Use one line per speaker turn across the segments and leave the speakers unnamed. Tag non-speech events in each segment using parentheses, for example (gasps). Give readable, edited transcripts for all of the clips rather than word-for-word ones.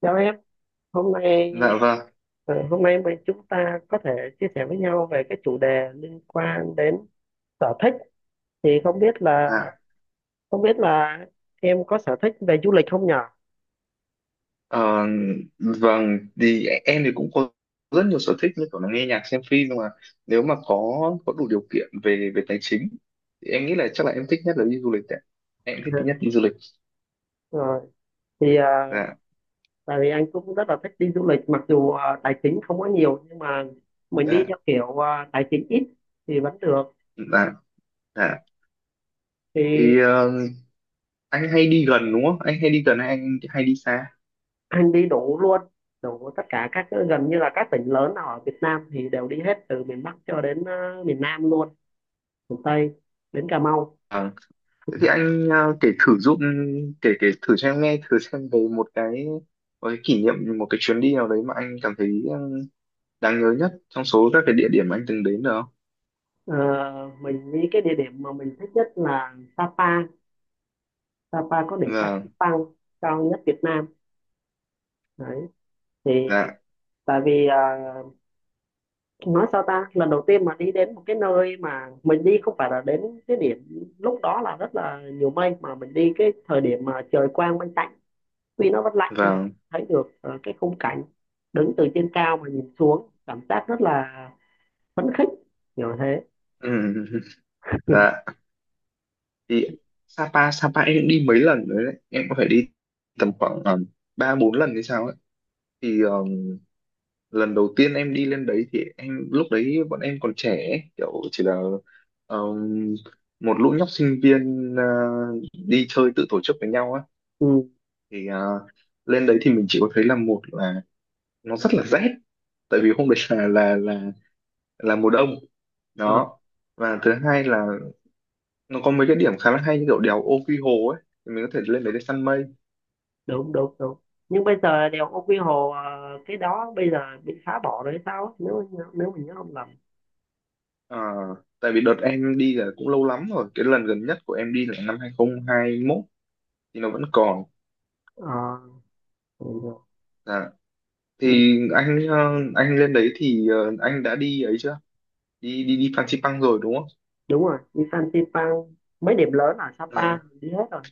Chào em, hôm nay
Dạ vâng,
hôm nay mình chúng ta có thể chia sẻ với nhau về cái chủ đề liên quan đến sở thích thì không biết là
dạ.
không biết là em có sở thích về du lịch không nhở?
Ờ, vâng, thì em thì cũng có rất nhiều sở thích như kiểu là nghe nhạc, xem phim, nhưng mà nếu mà có đủ điều kiện về về tài chính thì em nghĩ là chắc là em thích nhất là đi du lịch ạ. Em thích nhất đi
(laughs)
du lịch.
Rồi thì
Dạ,
tại vì anh cũng rất là thích đi du lịch mặc dù tài chính không có nhiều nhưng mà mình đi
dạ,
theo kiểu tài chính ít thì vẫn được.
dạ, dạ.
Thì
Thì ờ, Anh hay đi gần đúng không? Anh hay đi gần hay anh hay đi xa?
anh đi đủ luôn, đủ tất cả các, gần như là các tỉnh lớn ở Việt Nam thì đều đi hết, từ miền Bắc cho đến miền Nam luôn, miền Tây, đến Cà Mau.
Vâng. Thế thì anh kể thử giúp, kể kể thử cho em nghe thử xem về một cái kỷ niệm, một cái chuyến đi nào đấy mà anh cảm thấy đáng nhớ nhất trong số các cái địa điểm anh từng đến được không?
Ờ, mình nghĩ cái địa điểm mà mình thích nhất là Sapa. Sapa có đỉnh
Vâng,
Phan cao nhất Việt Nam đấy. Thì
dạ,
tại vì nói sao ta, lần đầu tiên mà đi đến một cái nơi mà mình đi không phải là đến cái điểm lúc đó là rất là nhiều mây, mà mình đi cái thời điểm mà trời quang mây tạnh, tuy nó vẫn lạnh nhưng mình
vâng,
thấy được cái khung cảnh, đứng từ trên cao mà nhìn xuống cảm giác rất là phấn khích, kiểu thế.
ừ, (laughs) dạ. Thì Sapa, em cũng đi mấy lần rồi đấy, em có phải đi tầm khoảng 3 4 lần hay sao ấy. Thì lần đầu tiên em đi lên đấy thì em lúc đấy bọn em còn trẻ ấy, kiểu chỉ là ờ, một lũ nhóc sinh viên, đi chơi tự tổ chức với nhau á.
Ừ.
Thì lên đấy thì mình chỉ có thấy là một là nó rất là rét, tại vì hôm đấy là là mùa đông
Ờ.
đó, và thứ hai là nó có mấy cái điểm khá là hay như kiểu đèo Ô Quy Hồ ấy, thì mình có thể lên đấy để săn mây.
Đúng đúng đúng, nhưng bây giờ đèo Ô Quy Hồ cái đó bây giờ bị phá bỏ rồi hay sao á, nếu nếu mình nhớ không lầm.
Ờ, tại vì đợt em đi là cũng lâu lắm rồi, cái lần gần nhất của em đi là năm 2021 thì nó vẫn còn.
Ờ, ừ,
Dạ. Thì anh lên đấy thì anh đã đi ấy chưa, đi đi đi Phan Xipang rồi đúng không?
đúng rồi, đi Fansipan, mấy điểm lớn ở
Ờ,
Sapa mình đi hết rồi.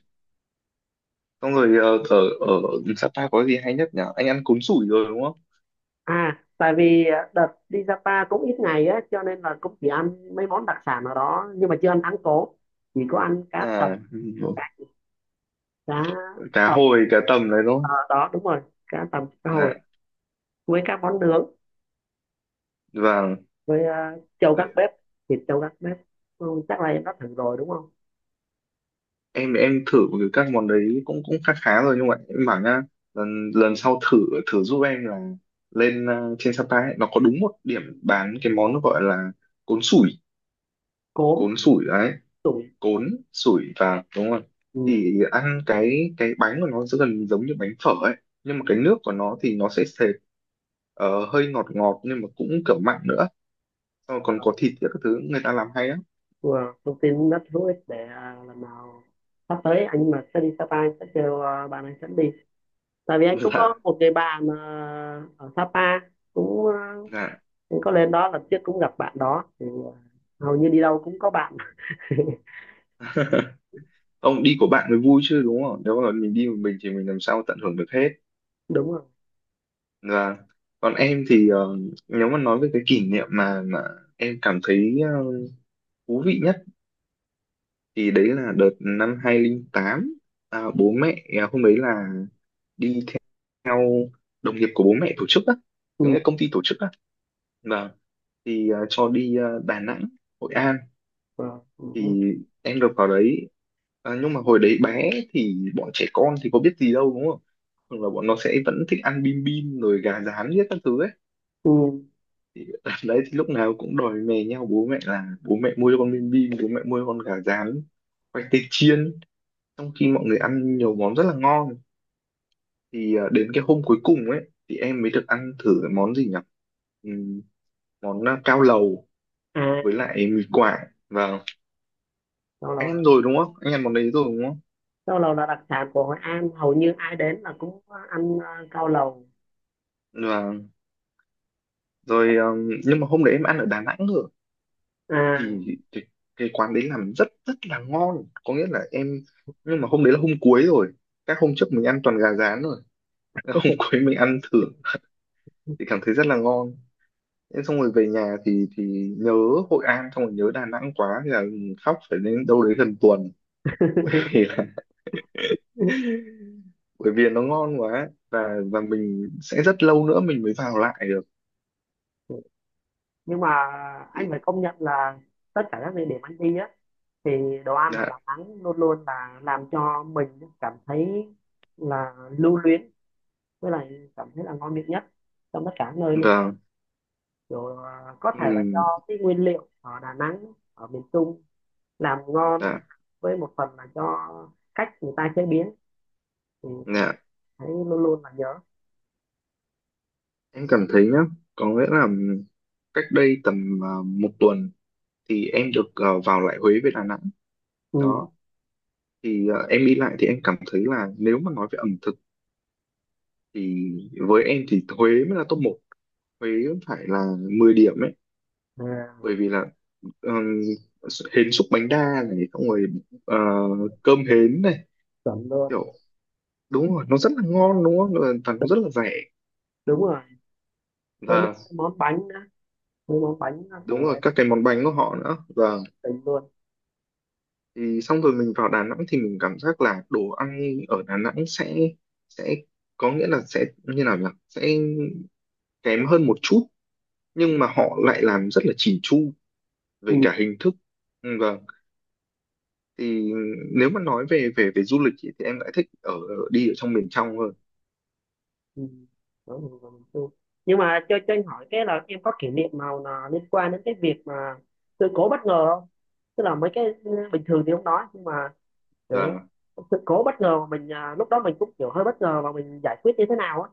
Xong rồi ờ, ở ở Sapa có gì hay nhất nhỉ, anh ăn cuốn sủi rồi đúng không?
À, tại vì đợt đi Sapa cũng ít ngày á cho nên là cũng chỉ ăn mấy món đặc sản ở đó, nhưng mà chưa ăn thắng cố, chỉ có ăn cá tầm,
À,
cá, cá
cá
tầm
hồi cá tầm đấy đúng không?
ở đó đúng rồi, cá tầm cá hồi
Dạ.
với các món nướng,
Vâng,
với trâu gác bếp, thịt trâu gác bếp. Ừ, chắc là em đã thử rồi đúng không.
em thử các món đấy cũng cũng khá khá rồi, nhưng mà em bảo nhá, lần lần sau thử, giúp em là lên trên Sapa ấy, nó có đúng một điểm bán cái món nó gọi là cốn sủi.
Cốm,
Cốn sủi đấy,
tụi.
cốn sủi, và đúng rồi.
Ừ.
Thì ăn cái bánh của nó sẽ gần giống như bánh phở ấy, nhưng mà cái nước của nó thì nó sẽ sệt, hơi ngọt ngọt nhưng mà cũng kiểu mặn nữa. Xong rồi còn có thịt các thứ người ta làm hay á.
Wow. Thông tin rất hữu ích để lần nào sắp tới anh mà sẽ đi Sapa anh sẽ kêu bạn anh dẫn đi. Tại vì anh cũng có một
(laughs)
người bạn ở Sapa, cũng
dạ
anh có lên đó lần trước cũng gặp bạn đó thì hầu như đi đâu cũng có bạn. (laughs)
dạ Ông đi của bạn mới vui chứ đúng không, nếu mà mình đi một mình thì mình làm sao tận hưởng được hết.
Đúng rồi.
Và còn em thì nếu mà nói về cái kỷ niệm mà em cảm thấy thú vị nhất, thì đấy là đợt năm 2008. Bố mẹ, hôm đấy là đi theo đồng nghiệp của bố mẹ tổ chức á, những cái
Ừ.
công ty tổ chức á, và thì cho đi Đà Nẵng, Hội An.
Wow. Ừ.
Thì em được vào đấy, à, nhưng mà hồi đấy bé thì bọn trẻ con thì có biết gì đâu đúng không, thường là bọn nó sẽ vẫn thích ăn bim bim rồi gà rán hết các thứ ấy.
Ừ.
Thì (laughs) ở đấy thì lúc nào cũng đòi mè nhau bố mẹ là bố mẹ mua cho con bim bim, bố mẹ mua cho con gà rán, khoai tây chiên, trong khi mọi người ăn nhiều món rất là ngon. Thì à, đến cái hôm cuối cùng ấy thì em mới được ăn thử cái món gì nhỉ, Ừm, món à, cao lầu với
À,
lại mì quảng. Và
cao
anh
lầu là,
ăn rồi đúng không, anh ăn món đấy rồi đúng
cao lầu là đặc sản của Hội An, hầu như ai đến là cũng ăn cao lầu.
không? Rồi nhưng mà hôm đấy em ăn ở Đà Nẵng rồi.
À.
Thì, thì Cái quán đấy làm rất rất là ngon, có nghĩa là em, nhưng mà hôm đấy là hôm cuối rồi, các hôm trước mình ăn toàn gà rán rồi. (laughs) Hôm cuối mình ăn thử thì cảm thấy rất là ngon. Thế xong rồi về nhà thì nhớ Hội An, xong rồi nhớ Đà Nẵng quá, thì là khóc phải đến đâu đấy gần tuần. (laughs) Thì là
Ừ.
bởi vì nó ngon quá, và mình sẽ rất lâu nữa mình mới vào lại được.
Nhưng mà anh phải công nhận là tất cả các địa điểm anh đi á thì đồ ăn ở
Dạ
Đà Nẵng luôn luôn là làm cho mình cảm thấy là lưu luyến, với lại cảm thấy là ngon miệng nhất trong tất cả nơi luôn.
vâng
Kiểu có
ừ,
thể là do cái nguyên liệu ở Đà Nẵng, ở miền Trung làm ngon,
dạ
với một phần là do cách người ta chế biến, thì mình
dạ
thấy luôn luôn là nhớ.
Em cảm thấy nhá, có nghĩa là cách đây tầm một tuần thì em được vào lại Huế với Đà Nẵng.
Ừ.
Đó, thì à, em đi lại thì em cảm thấy là nếu mà nói về ẩm thực thì với em thì Huế mới là top 1, Huế phải là 10 điểm ấy,
À,
bởi vì là ừm, hến xúc bánh đa này, xong rồi ờ, cơm hến này,
chuẩn luôn.
kiểu đúng rồi, nó rất là ngon đúng không? Và nó rất là rẻ.
Đúng rồi, với mấy
Và
cái món bánh nữa, với món bánh
đúng
của
rồi, các cái món bánh của họ nữa. Và
tỉnh luôn.
thì xong rồi mình vào Đà Nẵng thì mình cảm giác là đồ ăn ở Đà Nẵng sẽ có nghĩa là sẽ như nào nhỉ, sẽ kém hơn một chút, nhưng mà họ lại làm rất là chỉn chu về
Ừ.
cả hình thức. Ừ, vâng, thì nếu mà nói về về về du lịch ý, thì em lại thích đi ở trong miền trong hơn.
Ừ. Đó là vào miền Trung. Nhưng mà cho anh hỏi cái là em có kỷ niệm nào là liên quan đến cái việc mà sự cố bất ngờ không? Tức là mấy cái bình thường thì không nói, nhưng mà kiểu
Và
sự cố bất ngờ mà mình lúc đó mình cũng kiểu hơi bất ngờ và mình giải quyết như thế nào á.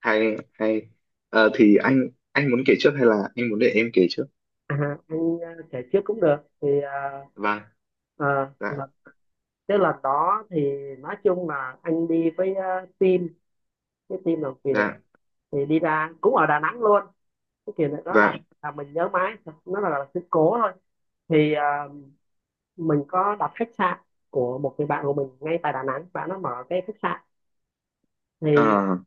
hay hay. Ờ, thì anh muốn kể trước hay là anh muốn để em kể trước?
À, anh kể trước cũng được. Thì
Vâng dạ
là cái lần đó thì nói chung là anh đi với team, cái team làm việc,
dạ
thì đi ra cũng ở Đà Nẵng luôn. Cái kiểu này đó
dạ
là mình nhớ mãi, nó là sự cố thôi. Thì mình có đặt khách sạn của một người bạn của mình ngay tại Đà Nẵng, bạn nó mở cái khách sạn. Thì
à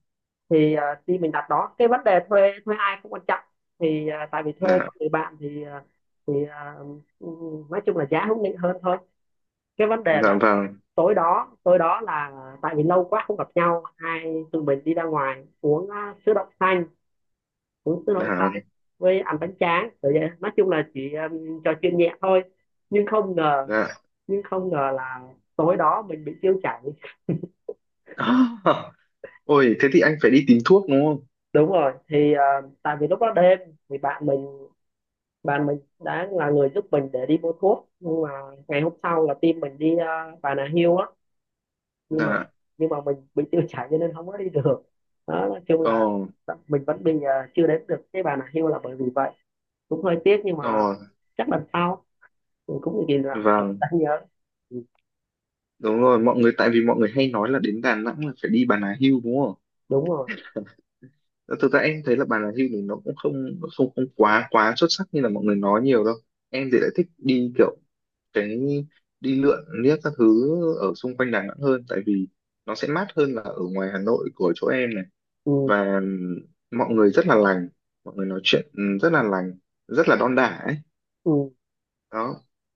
khi mình đặt đó cái vấn đề thuê, ai không quan trọng, thì tại vì thuê
dạ
của người bạn thì thì ờ, nói chung là giá hữu nghị hơn thôi. Cái vấn đề
dạ
là
vâng
tối đó, là tại vì lâu quá không gặp nhau, hai tụi mình đi ra ngoài uống sữa đậu xanh, uống sữa
dạ
đậu xanh với ăn bánh tráng rồi vậy, nói chung là chỉ trò chuyện nhẹ thôi. Nhưng không ngờ,
dạ
là tối đó mình bị tiêu chảy.
(laughs) (gasps) Ôi, thế thì anh phải đi tìm thuốc đúng không?
Đúng rồi, thì tại vì lúc đó đêm, thì bạn mình, đã là người giúp mình để đi mua thuốc. Nhưng mà ngày hôm sau là team mình đi Bà Nà Hills á, nhưng mà
Là,
mình bị tiêu chảy cho nên không có đi được. Đó, nói chung
ờ,
là mình vẫn bị chưa đến được cái Bà Nà Hills là bởi vì vậy, cũng hơi tiếc nhưng mà
ờ,
chắc lần sau. Mình cũng nhìn làm mình
vâng,
ta nhớ. Ừ,
đúng rồi, mọi người, tại vì mọi người hay nói là đến Đà Nẵng là phải đi Bà Nà Hills đúng không?
đúng rồi.
Ờ, thực ra em thấy là Bà Nà Hills thì nó cũng không không không quá quá xuất sắc như là mọi người nói nhiều đâu. Em thì lại thích đi kiểu cái đi lượn liếc các thứ ở xung quanh Đà Nẵng hơn, tại vì nó sẽ mát hơn là ở ngoài Hà Nội của chỗ em này.
Ừ,
Và mọi người rất là lành, mọi người nói chuyện, rất là lành, rất là đon đả ấy,
ừ.
đó.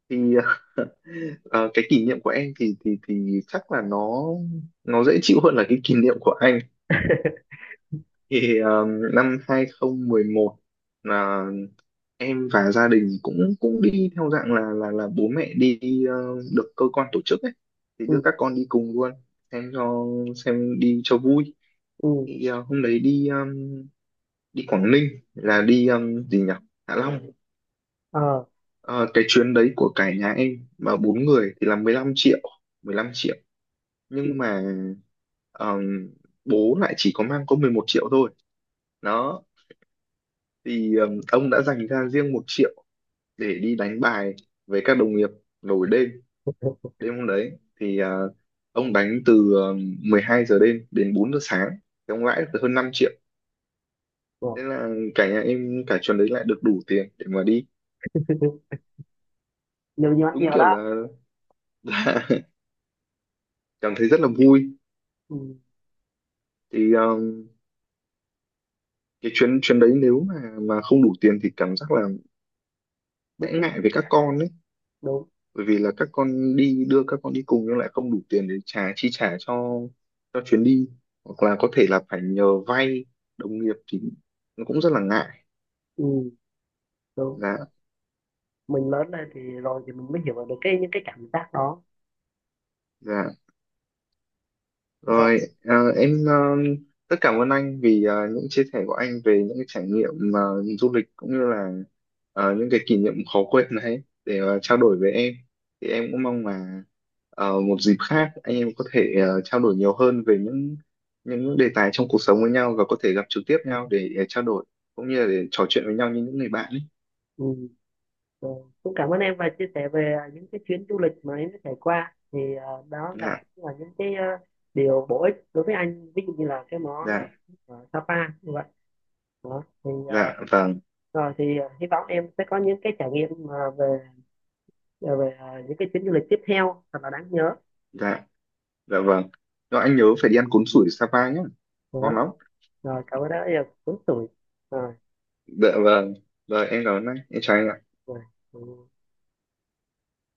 Thì (laughs) ờ, cái kỷ niệm của em thì chắc là nó dễ chịu hơn là cái kỷ niệm của anh.
(laughs)
Thì năm 2011 là em và gia đình cũng cũng đi theo dạng là bố mẹ đi ờ, được cơ quan tổ chức ấy, thì đưa
Ừ,
các con đi cùng luôn, xem cho xem đi cho vui.
ừ.
Thì hôm đấy đi đi Quảng Ninh, là đi ờ, gì nhỉ Hạ Long. Ờ, cái chuyến đấy của cả nhà em mà 4 người thì là 15 triệu, 15 triệu nhưng mà ờm, bố lại chỉ có mang có 11 triệu thôi đó. Thì ông đã dành ra riêng 1 triệu để đi đánh bài với các đồng nghiệp nổi đêm, đêm hôm đấy. Thì ông đánh từ 12 giờ đêm đến 4 giờ sáng, thì ông lãi được hơn 5 triệu.
Ờ.
Thế là cả nhà em cả trường đấy lại được đủ tiền để mà đi.
(laughs) Nhiều, nhiều ăn
Đúng
nhiều
kiểu
đó.
là, (laughs) là cảm thấy rất là vui.
Ừ.
Thì cái chuyến chuyến đấy nếu mà không đủ tiền thì cảm giác là
Bứt
sẽ
rứt.
ngại với các con ấy,
Đúng.
bởi vì là các con đi, đưa các con đi cùng nhưng lại không đủ tiền để trả chi trả cho chuyến đi, hoặc là có thể là phải nhờ vay đồng nghiệp, thì nó cũng rất là ngại.
Ừ. Đúng,
dạ
mình lớn lên thì rồi thì mình mới hiểu được cái những cái cảm giác đó.
dạ
Rồi.
Rồi, em rất cảm ơn anh vì những chia sẻ của anh về những cái trải nghiệm du lịch cũng như là những cái kỷ niệm khó quên đấy để trao đổi với em. Thì em cũng mong là một dịp khác anh em có thể trao đổi nhiều hơn về những đề tài trong cuộc sống với nhau, và có thể gặp trực tiếp nhau để trao đổi cũng như là để trò chuyện với nhau như những người bạn ấy.
Ừ. Rồi, cũng cảm ơn em và chia sẻ về những cái chuyến du lịch mà em đã trải qua thì đó là
Dạ,
cũng là những cái điều bổ ích đối với anh, ví dụ như là cái món
dạ,
ở Sapa như vậy đó. Thì
dạ, vâng,
rồi thì hy vọng em sẽ có những cái trải nghiệm mà về những cái chuyến du lịch tiếp theo thật là đáng nhớ.
dạ, dạ vâng. Rồi anh nhớ phải đi ăn cuốn sủi Sapa nhé,
Đó.
ngon lắm.
Rồi, cảm ơn đã rất là tuổi. Rồi.
Dạ vâng, rồi em cảm ơn anh, em chào anh ạ.
Rồi. Ừ.